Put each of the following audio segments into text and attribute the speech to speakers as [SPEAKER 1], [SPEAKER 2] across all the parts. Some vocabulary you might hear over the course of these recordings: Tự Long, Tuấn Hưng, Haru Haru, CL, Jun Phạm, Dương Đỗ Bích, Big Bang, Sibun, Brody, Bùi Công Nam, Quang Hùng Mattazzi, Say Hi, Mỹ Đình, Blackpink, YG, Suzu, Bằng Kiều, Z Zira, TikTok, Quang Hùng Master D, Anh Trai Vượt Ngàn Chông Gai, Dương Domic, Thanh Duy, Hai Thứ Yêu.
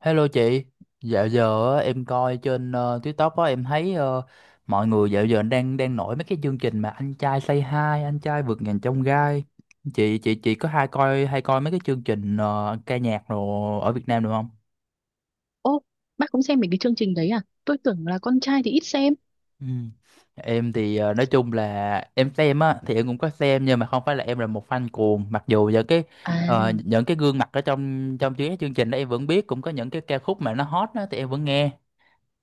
[SPEAKER 1] Hello chị, dạo giờ á, em coi trên TikTok á em thấy mọi người dạo giờ đang đang nổi mấy cái chương trình mà anh trai Say Hi, anh trai vượt ngàn chông gai. Chị có hay coi mấy cái chương trình ca nhạc rồi ở Việt Nam được không?
[SPEAKER 2] Ô, bác cũng xem mấy cái chương trình đấy à? Tôi tưởng là con trai thì ít xem.
[SPEAKER 1] Ừ. Em thì nói chung là em xem á thì em cũng có xem nhưng mà không phải là em là một fan cuồng mặc dù những cái
[SPEAKER 2] À,
[SPEAKER 1] những cái gương mặt ở trong trong chuyến chương trình đó em vẫn biết cũng có những cái ca khúc mà nó hot đó thì em vẫn nghe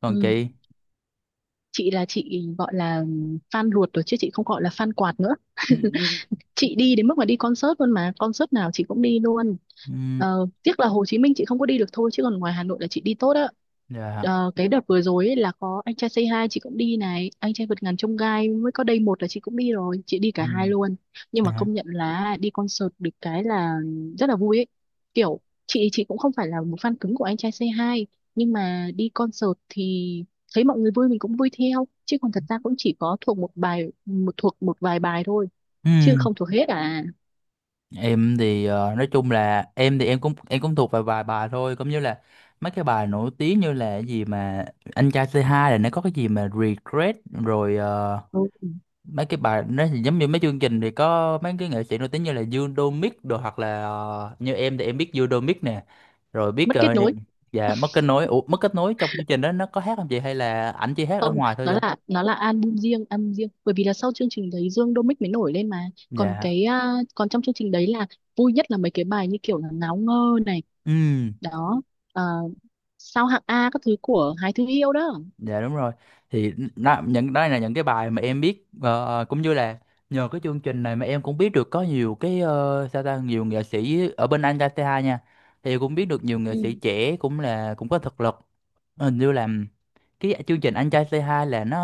[SPEAKER 1] còn
[SPEAKER 2] ừ.
[SPEAKER 1] chị.
[SPEAKER 2] Chị là chị gọi là fan ruột rồi chứ chị không gọi là fan quạt nữa.
[SPEAKER 1] Ừ.
[SPEAKER 2] Chị đi đến mức mà đi concert luôn, mà concert nào chị cũng đi luôn.
[SPEAKER 1] Ừ.
[SPEAKER 2] Tiếc là Hồ Chí Minh chị không có đi được thôi, chứ còn ngoài Hà Nội là chị đi tốt á.
[SPEAKER 1] Dạ.
[SPEAKER 2] Cái đợt vừa rồi ấy là có anh trai Say Hi chị cũng đi này, anh trai vượt ngàn chông gai mới có đây một là chị cũng đi rồi, chị đi cả
[SPEAKER 1] Ừ.
[SPEAKER 2] hai luôn. Nhưng mà
[SPEAKER 1] Dạ.
[SPEAKER 2] công nhận là đi concert được cái là rất là vui ấy, kiểu chị cũng không phải là một fan cứng của anh trai Say Hi, nhưng mà đi concert thì thấy mọi người vui mình cũng vui theo, chứ còn thật ra cũng chỉ có thuộc một bài một thuộc một vài bài thôi, chứ
[SPEAKER 1] Ừ.
[SPEAKER 2] không thuộc hết à.
[SPEAKER 1] Em thì nói chung là em thì em cũng thuộc vài vài bài thôi cũng như là mấy cái bài nổi tiếng như là cái gì mà anh trai c hai là nó có cái gì mà regret rồi
[SPEAKER 2] Ừ,
[SPEAKER 1] mấy cái bài nó thì giống như mấy chương trình thì có mấy cái nghệ sĩ nổi tiếng như là Dương Domic đồ hoặc là như em thì em biết Dương Domic nè rồi biết
[SPEAKER 2] mất kết nối.
[SPEAKER 1] dạ mất kết nối. Ủa, mất kết nối trong chương trình đó nó có hát không chị hay là ảnh chỉ hát ở
[SPEAKER 2] Không,
[SPEAKER 1] ngoài thôi
[SPEAKER 2] nó
[SPEAKER 1] ra?
[SPEAKER 2] là album riêng, album riêng, bởi vì là sau chương trình đấy Dương Domic mới nổi lên mà. Còn
[SPEAKER 1] Dạ.
[SPEAKER 2] cái, còn trong chương trình đấy là vui nhất là mấy cái bài như kiểu là ngáo ngơ này
[SPEAKER 1] Ừ.
[SPEAKER 2] đó. à, Sao hạng A các thứ của Hai Thứ Yêu đó.
[SPEAKER 1] Dạ đúng rồi. Thì nó, những đó là những cái bài mà em biết cũng như là nhờ cái chương trình này mà em cũng biết được có nhiều cái sao ta nhiều nghệ sĩ ở bên Anh ca tê hai nha. Thì cũng biết được nhiều nghệ
[SPEAKER 2] Ừ.
[SPEAKER 1] sĩ trẻ cũng là cũng có thực lực. Hình như là cái chương trình Anh trai C2 là nó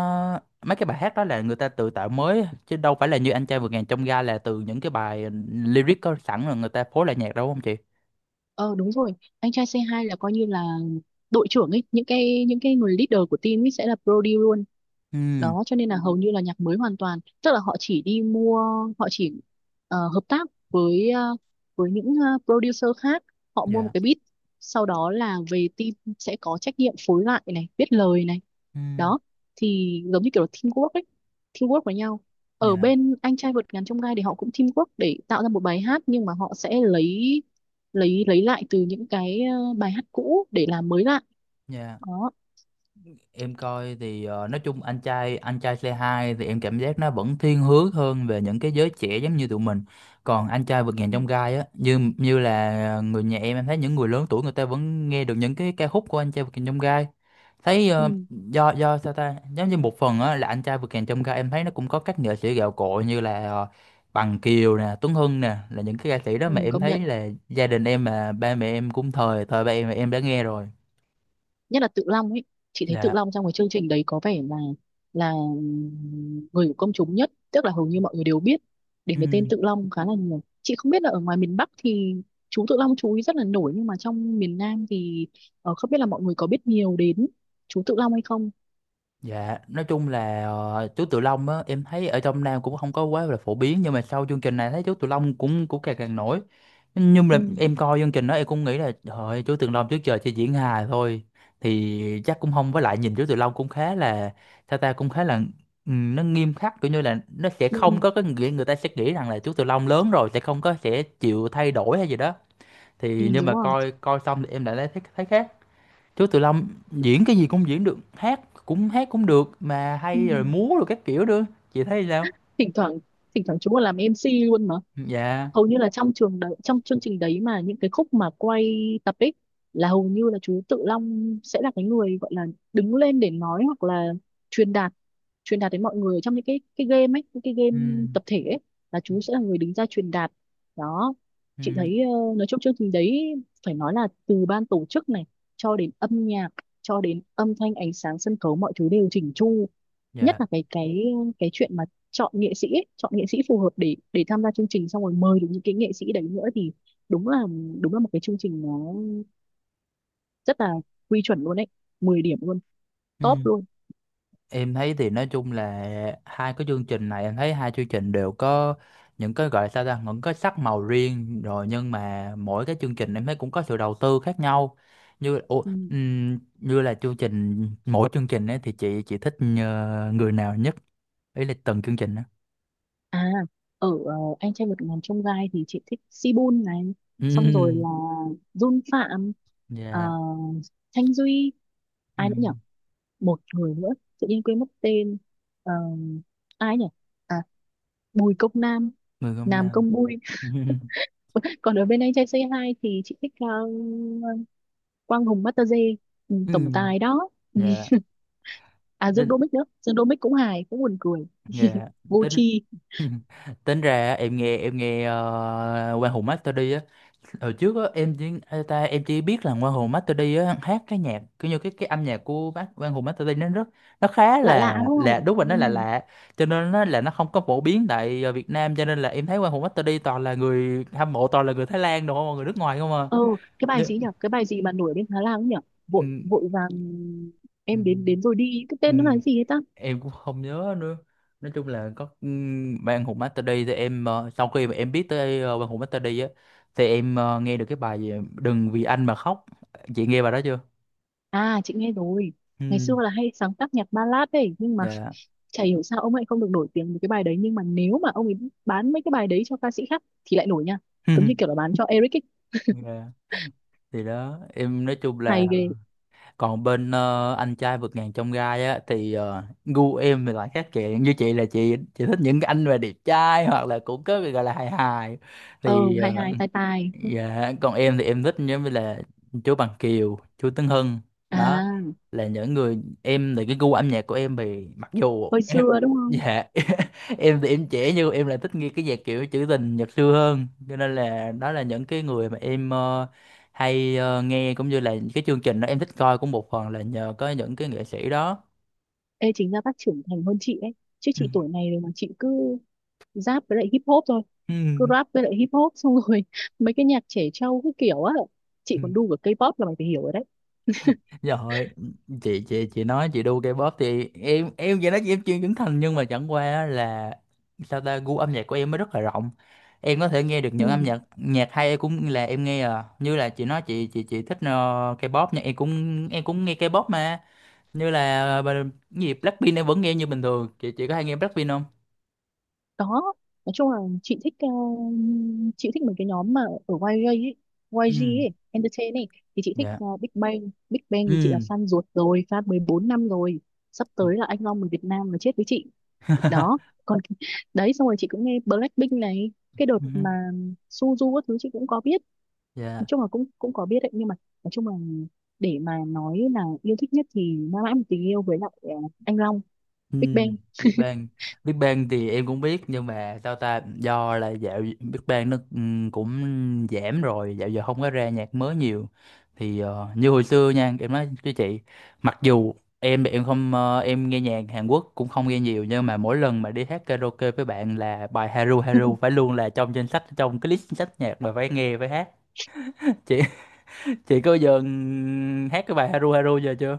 [SPEAKER 1] mấy cái bài hát đó là người ta tự tạo mới chứ đâu phải là như Anh trai vượt ngàn chông gai là từ những cái bài lyric có sẵn rồi người ta phối lại nhạc đâu đúng không chị?
[SPEAKER 2] ờ Đúng rồi, anh trai c hai là coi như là đội trưởng ấy, những cái người leader của team ấy sẽ là Brody luôn.
[SPEAKER 1] Ừ,
[SPEAKER 2] Đó, cho nên là hầu như là nhạc mới hoàn toàn, tức là họ chỉ đi mua, họ chỉ hợp tác với với những producer khác, họ mua một
[SPEAKER 1] dạ.
[SPEAKER 2] cái beat, sau đó là về team sẽ có trách nhiệm phối lại này, viết lời này.
[SPEAKER 1] Ừ,
[SPEAKER 2] Đó, thì giống như kiểu là teamwork ấy, teamwork với nhau. Ở
[SPEAKER 1] dạ.
[SPEAKER 2] bên anh trai vượt ngàn chông gai thì họ cũng teamwork để tạo ra một bài hát, nhưng mà họ sẽ lấy lấy lại từ những cái bài hát cũ để làm mới lại.
[SPEAKER 1] Dạ.
[SPEAKER 2] Đó.
[SPEAKER 1] Em coi thì nói chung anh trai Say Hi thì em cảm giác nó vẫn thiên hướng hơn về những cái giới trẻ giống như tụi mình. Còn anh trai vượt
[SPEAKER 2] ừ.
[SPEAKER 1] ngàn chông gai á, như như là người nhà em thấy những người lớn tuổi người ta vẫn nghe được những cái ca khúc của anh trai vượt ngàn chông gai. Thấy
[SPEAKER 2] Ừ.
[SPEAKER 1] do sao ta, giống như một phần á là anh trai vượt ngàn chông gai em thấy nó cũng có các nghệ sĩ gạo cội như là Bằng Kiều nè, Tuấn Hưng nè, là những cái ca sĩ đó mà
[SPEAKER 2] Ừ.
[SPEAKER 1] em
[SPEAKER 2] Công
[SPEAKER 1] thấy
[SPEAKER 2] nhận
[SPEAKER 1] là gia đình em mà ba mẹ em cũng thời thời ba em đã nghe rồi.
[SPEAKER 2] nhất là Tự Long ấy, chị thấy Tự
[SPEAKER 1] Dạ.
[SPEAKER 2] Long trong cái chương trình đấy có vẻ là người của công chúng nhất, tức là hầu như mọi người đều biết
[SPEAKER 1] Ừ.
[SPEAKER 2] đến cái tên Tự Long khá là nhiều. Chị không biết là ở ngoài miền Bắc thì chú Tự Long chú ý rất là nổi, nhưng mà trong miền Nam thì không biết là mọi người có biết nhiều đến chú Tự Long hay không.
[SPEAKER 1] Dạ, nói chung là chú Tự Long á, em thấy ở trong Nam cũng không có quá là phổ biến nhưng mà sau chương trình này thấy chú Tự Long cũng cũng càng càng nổi. Nhưng mà
[SPEAKER 2] ừ,
[SPEAKER 1] em coi chương trình đó em cũng nghĩ là trời ơi, chú Tự Long trước giờ chỉ diễn hài thôi thì chắc cũng không với lại nhìn chú Tự Long cũng khá là sao ta cũng khá là nó nghiêm khắc kiểu như là nó sẽ
[SPEAKER 2] ừ,
[SPEAKER 1] không có cái nghĩa người ta sẽ nghĩ rằng là chú Tự Long lớn rồi sẽ không có sẽ chịu thay đổi hay gì đó.
[SPEAKER 2] ừ,
[SPEAKER 1] Thì nhưng
[SPEAKER 2] đúng
[SPEAKER 1] mà
[SPEAKER 2] rồi.
[SPEAKER 1] coi coi xong thì em lại thấy thấy khác. Chú Tự Long diễn cái gì cũng diễn được, hát cũng được mà
[SPEAKER 2] Ừ.
[SPEAKER 1] hay rồi múa rồi các kiểu nữa. Chị thấy sao?
[SPEAKER 2] thỉnh thoảng Thỉnh thoảng chú còn làm MC luôn.
[SPEAKER 1] Dạ.
[SPEAKER 2] Hầu như là trong trường đấy, trong chương trình đấy mà những cái khúc mà quay tập ấy, là hầu như là chú Tự Long sẽ là cái người gọi là đứng lên để nói, hoặc là truyền đạt, truyền đạt đến mọi người trong những cái game ấy, những cái
[SPEAKER 1] Ừ.
[SPEAKER 2] game tập thể ấy là chú sẽ là người đứng ra truyền đạt. Đó,
[SPEAKER 1] Ừ.
[SPEAKER 2] chị thấy nói chung chương trình đấy phải nói là từ ban tổ chức này cho đến âm nhạc, cho đến âm thanh ánh sáng sân khấu, mọi thứ đều chỉnh chu. Nhất
[SPEAKER 1] Dạ.
[SPEAKER 2] là cái chuyện mà chọn nghệ sĩ ấy, chọn nghệ sĩ phù hợp để tham gia chương trình, xong rồi mời được những cái nghệ sĩ đấy nữa, thì đúng là một cái chương trình nó rất là quy chuẩn luôn đấy, mười điểm luôn,
[SPEAKER 1] Ừ.
[SPEAKER 2] top luôn.
[SPEAKER 1] Em thấy thì nói chung là hai cái chương trình này em thấy hai chương trình đều có những cái gọi là sao ta những cái sắc màu riêng rồi nhưng mà mỗi cái chương trình em thấy cũng có sự đầu tư khác nhau như ủa,
[SPEAKER 2] Ừ.
[SPEAKER 1] như là chương trình mỗi chương trình ấy thì chị thích người nào nhất ý là từng chương trình đó.
[SPEAKER 2] à Ở anh trai vượt ngàn chông gai thì chị thích Sibun này, xong rồi
[SPEAKER 1] Ừm.
[SPEAKER 2] là Jun Phạm, ờ,
[SPEAKER 1] Dạ.
[SPEAKER 2] Thanh Duy,
[SPEAKER 1] Ừ.
[SPEAKER 2] ai nữa nhỉ, một người nữa tự nhiên quên mất tên. Ờ, Ai nhỉ? À, Bùi Công Nam.
[SPEAKER 1] Mười không
[SPEAKER 2] Nam
[SPEAKER 1] năm.
[SPEAKER 2] Công Bùi. Còn ở bên anh trai Say Hi thì chị thích Quang Hùng Mattazzi, ừ,
[SPEAKER 1] Ừ.
[SPEAKER 2] tổng tài đó.
[SPEAKER 1] Dạ.
[SPEAKER 2] À, Dương
[SPEAKER 1] Tính.
[SPEAKER 2] Đỗ Bích nữa, Dương Đỗ Bích cũng hài, cũng buồn cười,
[SPEAKER 1] Dạ.
[SPEAKER 2] vô
[SPEAKER 1] Tính.
[SPEAKER 2] tri.
[SPEAKER 1] Tính ra em nghe Quang Hùng Master đi á hồi trước á em chỉ ê, ta em chỉ biết là Quang Hùng Master đi á hát cái nhạc kiểu như cái âm nhạc của bác Quang Hùng Master đi nó rất nó khá
[SPEAKER 2] Lạ lạ đúng
[SPEAKER 1] là
[SPEAKER 2] không.
[SPEAKER 1] đúng rồi
[SPEAKER 2] Ừ.
[SPEAKER 1] nó là lạ cho nên nó là nó không có phổ biến tại Việt Nam cho nên là em thấy Quang Hùng Master đi toàn là người hâm mộ toàn là người Thái Lan đúng không à, người nước ngoài không à.
[SPEAKER 2] ừ cái bài
[SPEAKER 1] Nếu-
[SPEAKER 2] gì nhỉ, cái bài gì mà nổi ở bên Thái Lan ấy nhỉ, vội
[SPEAKER 1] ừ,
[SPEAKER 2] vội vàng
[SPEAKER 1] ừ,
[SPEAKER 2] em đến đến rồi đi, cái
[SPEAKER 1] ừ. Ừ.
[SPEAKER 2] tên nó là gì ấy ta.
[SPEAKER 1] Em cũng không nhớ nữa. Nói chung là có ban hùng master đi thì em sau khi mà em biết tới ban hùng master đi á thì em nghe được cái bài gì, đừng vì anh mà khóc. Chị nghe bài đó chưa?
[SPEAKER 2] À, chị nghe rồi, ngày xưa
[SPEAKER 1] Ừm.
[SPEAKER 2] là hay sáng tác nhạc ballad ấy, nhưng mà
[SPEAKER 1] Dạ.
[SPEAKER 2] chả hiểu sao ông ấy không được nổi tiếng với cái bài đấy, nhưng mà nếu mà ông ấy bán mấy cái bài đấy cho ca sĩ khác thì lại nổi nha, giống như kiểu là bán cho Eric ấy.
[SPEAKER 1] Dạ. Thì đó em nói chung là
[SPEAKER 2] Hay ghê.
[SPEAKER 1] còn bên anh trai vượt ngàn chông gai á thì gu em thì lại khác chị như chị là chị thích những cái anh mà đẹp trai hoặc là cũng có cái gọi là hài hài
[SPEAKER 2] ờ
[SPEAKER 1] thì
[SPEAKER 2] Hai
[SPEAKER 1] ờ.
[SPEAKER 2] hai tai tai.
[SPEAKER 1] Dạ, còn em thì em thích giống như là chú Bằng Kiều, chú Tấn Hưng đó
[SPEAKER 2] À,
[SPEAKER 1] là những người em thì cái gu âm nhạc của em thì mặc dù
[SPEAKER 2] hồi
[SPEAKER 1] em
[SPEAKER 2] xưa đúng không.
[SPEAKER 1] dạ. Em thì em trẻ nhưng em lại thích nghe cái nhạc kiểu trữ tình Nhật xưa hơn cho nên là đó là những cái người mà em hay nghe cũng như là những cái chương trình đó em thích coi cũng một phần là nhờ có những cái nghệ sĩ đó.
[SPEAKER 2] Ê, chính ra bác trưởng thành hơn chị ấy, chứ chị tuổi này rồi mà chị cứ rap với lại hip hop thôi, cứ
[SPEAKER 1] Ừ.
[SPEAKER 2] rap với lại hip hop, xong rồi mấy cái nhạc trẻ trâu cái kiểu á. Chị
[SPEAKER 1] Ừ.
[SPEAKER 2] còn đu cả K-pop là mày phải hiểu rồi đấy.
[SPEAKER 1] Rồi, chị nói chị đu K-pop thì em vậy nói chị em chuyên trưởng thành nhưng mà chẳng qua á là sao ta gu âm nhạc của em nó rất là rộng. Em có thể nghe được
[SPEAKER 2] Ừ.
[SPEAKER 1] những âm nhạc nhạc hay em cũng là em nghe à. Như là chị nói chị thích K-pop nhưng em cũng nghe K-pop mà. Như là bà- cái gì Blackpink em vẫn nghe như bình thường. Chị có hay nghe Blackpink không?
[SPEAKER 2] Đó, nói chung là chị thích, chị thích mấy cái nhóm mà ở YG ấy, YG
[SPEAKER 1] Ừ.
[SPEAKER 2] ấy Entertain ấy, thì chị thích
[SPEAKER 1] Dạ.
[SPEAKER 2] Big Bang. Big Bang thì chị là
[SPEAKER 1] Ừ.
[SPEAKER 2] fan ruột rồi, fan 14 năm rồi. Sắp tới là anh Long người Việt Nam là chết với chị đó. Còn cái, đấy xong rồi chị cũng nghe Blackpink này, cái đợt mà Suzu các thứ chị cũng có biết. Nói
[SPEAKER 1] Dạ.
[SPEAKER 2] chung là cũng cũng có biết đấy, nhưng mà nói chung là để mà nói là yêu thích nhất thì mãi mãi một tình yêu với lại anh Long
[SPEAKER 1] Ừ,
[SPEAKER 2] Big Bang.
[SPEAKER 1] Big Bang. Big Bang thì em cũng biết nhưng mà sao ta do là dạo Big Bang nó cũng giảm rồi dạo giờ không có ra nhạc mới nhiều thì như hồi xưa nha em nói với chị mặc dù em thì em không em nghe nhạc Hàn Quốc cũng không nghe nhiều nhưng mà mỗi lần mà đi hát karaoke với bạn là bài Haru Haru phải luôn là trong danh sách trong cái list sách nhạc mà phải nghe phải hát. chị chị có bao giờ hát cái bài Haru Haru giờ chưa?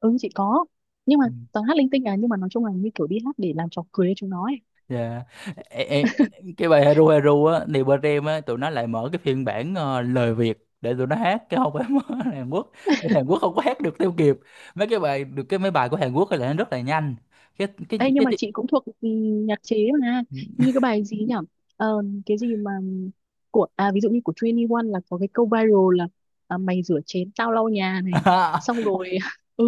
[SPEAKER 2] Ừ chị có, nhưng mà toàn hát linh tinh à, nhưng mà nói chung là như kiểu đi hát để làm trò cười cho chúng nó ấy.
[SPEAKER 1] Dạ. Ê, ê, cái bài Heru Heru á thì bên em á tụi nó lại mở cái phiên bản lời Việt để tụi nó hát cái không phải mở Hàn Quốc thì Hàn Quốc không có hát được theo kịp mấy cái bài được cái mấy bài của Hàn Quốc thì là nó rất là nhanh cái cái
[SPEAKER 2] Ê, nhưng
[SPEAKER 1] cái,
[SPEAKER 2] mà
[SPEAKER 1] cái...
[SPEAKER 2] chị cũng thuộc nhạc chế mà. Như cái bài gì nhỉ, cái gì mà của ví dụ như của 21 là có cái câu viral là, à, mày rửa chén tao lau nhà này, xong rồi ừ.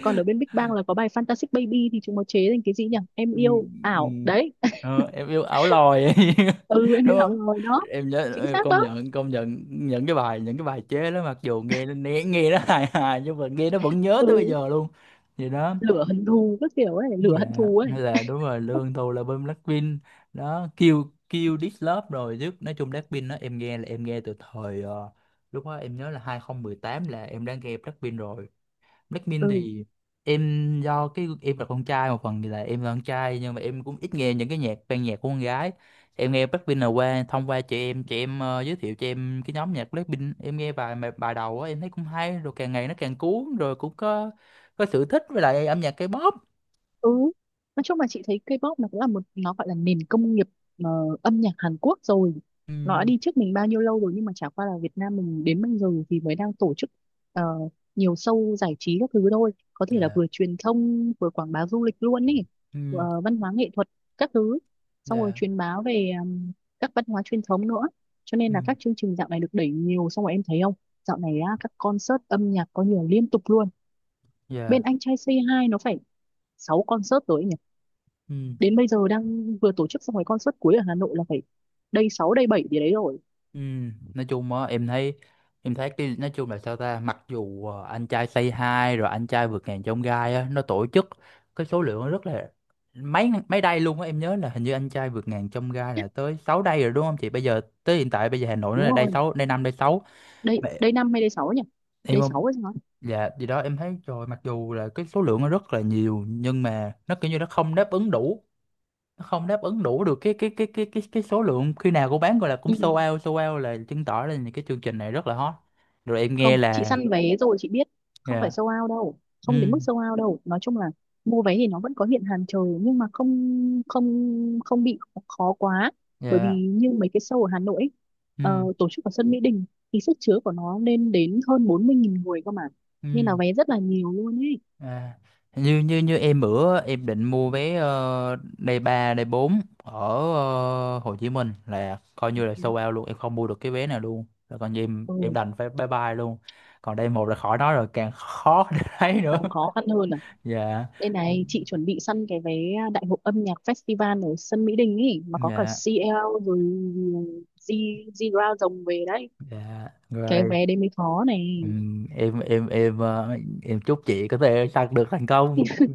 [SPEAKER 2] Còn ở bên Big Bang là có bài Fantastic Baby thì chúng nó chế thành cái gì nhỉ, em
[SPEAKER 1] Ừ,
[SPEAKER 2] yêu
[SPEAKER 1] ừ.
[SPEAKER 2] ảo đấy.
[SPEAKER 1] Ờ, em yêu ảo lòi
[SPEAKER 2] Ừ em
[SPEAKER 1] đúng
[SPEAKER 2] yêu ảo
[SPEAKER 1] không?
[SPEAKER 2] rồi đó.
[SPEAKER 1] Em nhớ
[SPEAKER 2] Chính
[SPEAKER 1] em
[SPEAKER 2] xác đó.
[SPEAKER 1] công nhận những cái bài chế đó mặc dù nghe nghe nghe nó hài hài nhưng mà nghe nó vẫn nhớ tới bây
[SPEAKER 2] Ừ,
[SPEAKER 1] giờ luôn vậy đó.
[SPEAKER 2] lửa hận thù các kiểu ấy, lửa
[SPEAKER 1] Dạ.
[SPEAKER 2] hận thù ấy.
[SPEAKER 1] Hay là đúng rồi lương tôi là bên Blackpink đó kêu kêu Love rồi chứ nói chung Blackpink đó em nghe là em nghe từ thời lúc đó em nhớ là 2018 là em đã nghe Blackpink rồi. Blackpink
[SPEAKER 2] Ừ.
[SPEAKER 1] thì em do cái em là con trai một phần thì là em là con trai nhưng mà em cũng ít nghe những cái nhạc ban nhạc của con gái. Em nghe Blackpink là qua thông qua chị em giới thiệu cho em cái nhóm nhạc Blackpink em nghe bài bài bài đầu á em thấy cũng hay rồi càng ngày nó càng cuốn rồi cũng có sự thích với lại âm nhạc K-pop.
[SPEAKER 2] Ừ, nói chung là chị thấy K-pop nó cũng là một nó gọi là nền công nghiệp ờ, âm nhạc Hàn Quốc rồi.
[SPEAKER 1] Ừ,
[SPEAKER 2] Nó đã đi trước mình bao nhiêu lâu rồi, nhưng mà chả qua là Việt Nam mình đến bây giờ thì mới đang tổ chức ờ, nhiều show giải trí các thứ thôi. Có thể là
[SPEAKER 1] dạ.
[SPEAKER 2] vừa truyền thông vừa quảng bá du lịch luôn ý,
[SPEAKER 1] Ừ,
[SPEAKER 2] Văn hóa nghệ thuật các thứ. Xong rồi
[SPEAKER 1] dạ.
[SPEAKER 2] truyền bá về các văn hóa truyền thống nữa. Cho nên
[SPEAKER 1] Ừ,
[SPEAKER 2] là các chương trình dạo này được đẩy nhiều, xong rồi em thấy không? Dạo này á, các concert âm nhạc có nhiều liên tục luôn. Bên
[SPEAKER 1] dạ.
[SPEAKER 2] anh trai Say Hi nó phải 6 concert rồi ấy,
[SPEAKER 1] Ừ,
[SPEAKER 2] đến bây giờ đang vừa tổ chức xong cái concert cuối ở Hà Nội là phải day 6 day 7 gì đấy rồi.
[SPEAKER 1] ừ. Nói chung á em thấy cái nói chung là sao ta mặc dù anh trai Say Hi rồi anh trai vượt ngàn chông gai á nó tổ chức cái số lượng nó rất là mấy mấy đây luôn á em nhớ là hình như anh trai vượt ngàn chông gai là tới 6 đây rồi đúng không chị bây giờ tới hiện tại bây giờ Hà Nội nó
[SPEAKER 2] Đúng
[SPEAKER 1] là đây
[SPEAKER 2] rồi,
[SPEAKER 1] 6 đây 5 đây 6
[SPEAKER 2] đây
[SPEAKER 1] mà
[SPEAKER 2] đây 5 hay đây sáu nhỉ,
[SPEAKER 1] em
[SPEAKER 2] đây
[SPEAKER 1] không.
[SPEAKER 2] 6 hay sao ấy.
[SPEAKER 1] Dạ gì đó em thấy rồi mặc dù là cái số lượng nó rất là nhiều nhưng mà nó kiểu như nó không đáp ứng đủ. Nó không đáp ứng đủ được cái số lượng khi nào cô bán gọi là cũng
[SPEAKER 2] Ừ.
[SPEAKER 1] sold out là chứng tỏ là cái chương trình này rất là hot rồi em nghe
[SPEAKER 2] Không, chị
[SPEAKER 1] là.
[SPEAKER 2] săn vé rồi chị biết, không phải
[SPEAKER 1] Dạ.
[SPEAKER 2] sold out đâu,
[SPEAKER 1] Ừ.
[SPEAKER 2] không đến mức sold out đâu. Nói chung là mua vé thì nó vẫn có hiện hàng chờ, nhưng mà không không không bị khó quá, bởi vì
[SPEAKER 1] Dạ.
[SPEAKER 2] như mấy cái show ở Hà Nội ấy, ờ,
[SPEAKER 1] Ừ.
[SPEAKER 2] tổ chức ở sân Mỹ Đình thì sức chứa của nó lên đến hơn 40.000 người cơ mà, nên là
[SPEAKER 1] Ừ.
[SPEAKER 2] vé rất là nhiều luôn ấy.
[SPEAKER 1] À. như như như em bữa em định mua vé day 3 day 4 ở Hồ Chí Minh là coi như là sold out luôn em không mua được cái vé nào luôn là coi như em
[SPEAKER 2] Ừ,
[SPEAKER 1] đành phải bye bye luôn. Còn day một là khỏi nói rồi càng khó để thấy nữa.
[SPEAKER 2] càng khó khăn hơn à.
[SPEAKER 1] Dạ.
[SPEAKER 2] Đây này, chị chuẩn bị săn cái vé, đại hội âm nhạc festival ở sân Mỹ Đình ấy mà có cả
[SPEAKER 1] Dạ.
[SPEAKER 2] CL rồi Z Zira rồng về đấy.
[SPEAKER 1] Dạ
[SPEAKER 2] Cái
[SPEAKER 1] rồi.
[SPEAKER 2] vé đấy mới khó này.
[SPEAKER 1] Ừ, em em em ờ, em chúc chị có thể đạt được thành công. Ừ.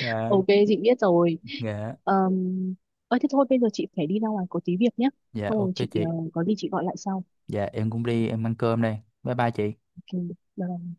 [SPEAKER 1] Dạ.
[SPEAKER 2] Ok, chị biết rồi.
[SPEAKER 1] Dạ.
[SPEAKER 2] Um, Ơi thế thôi, bây giờ chị phải đi ra ngoài có tí việc nhé.
[SPEAKER 1] Dạ
[SPEAKER 2] Xong rồi
[SPEAKER 1] ok
[SPEAKER 2] chị
[SPEAKER 1] chị.
[SPEAKER 2] có gì chị gọi lại sau.
[SPEAKER 1] Dạ em cũng đi em ăn cơm đây. Bye bye chị.
[SPEAKER 2] Ok. Bye.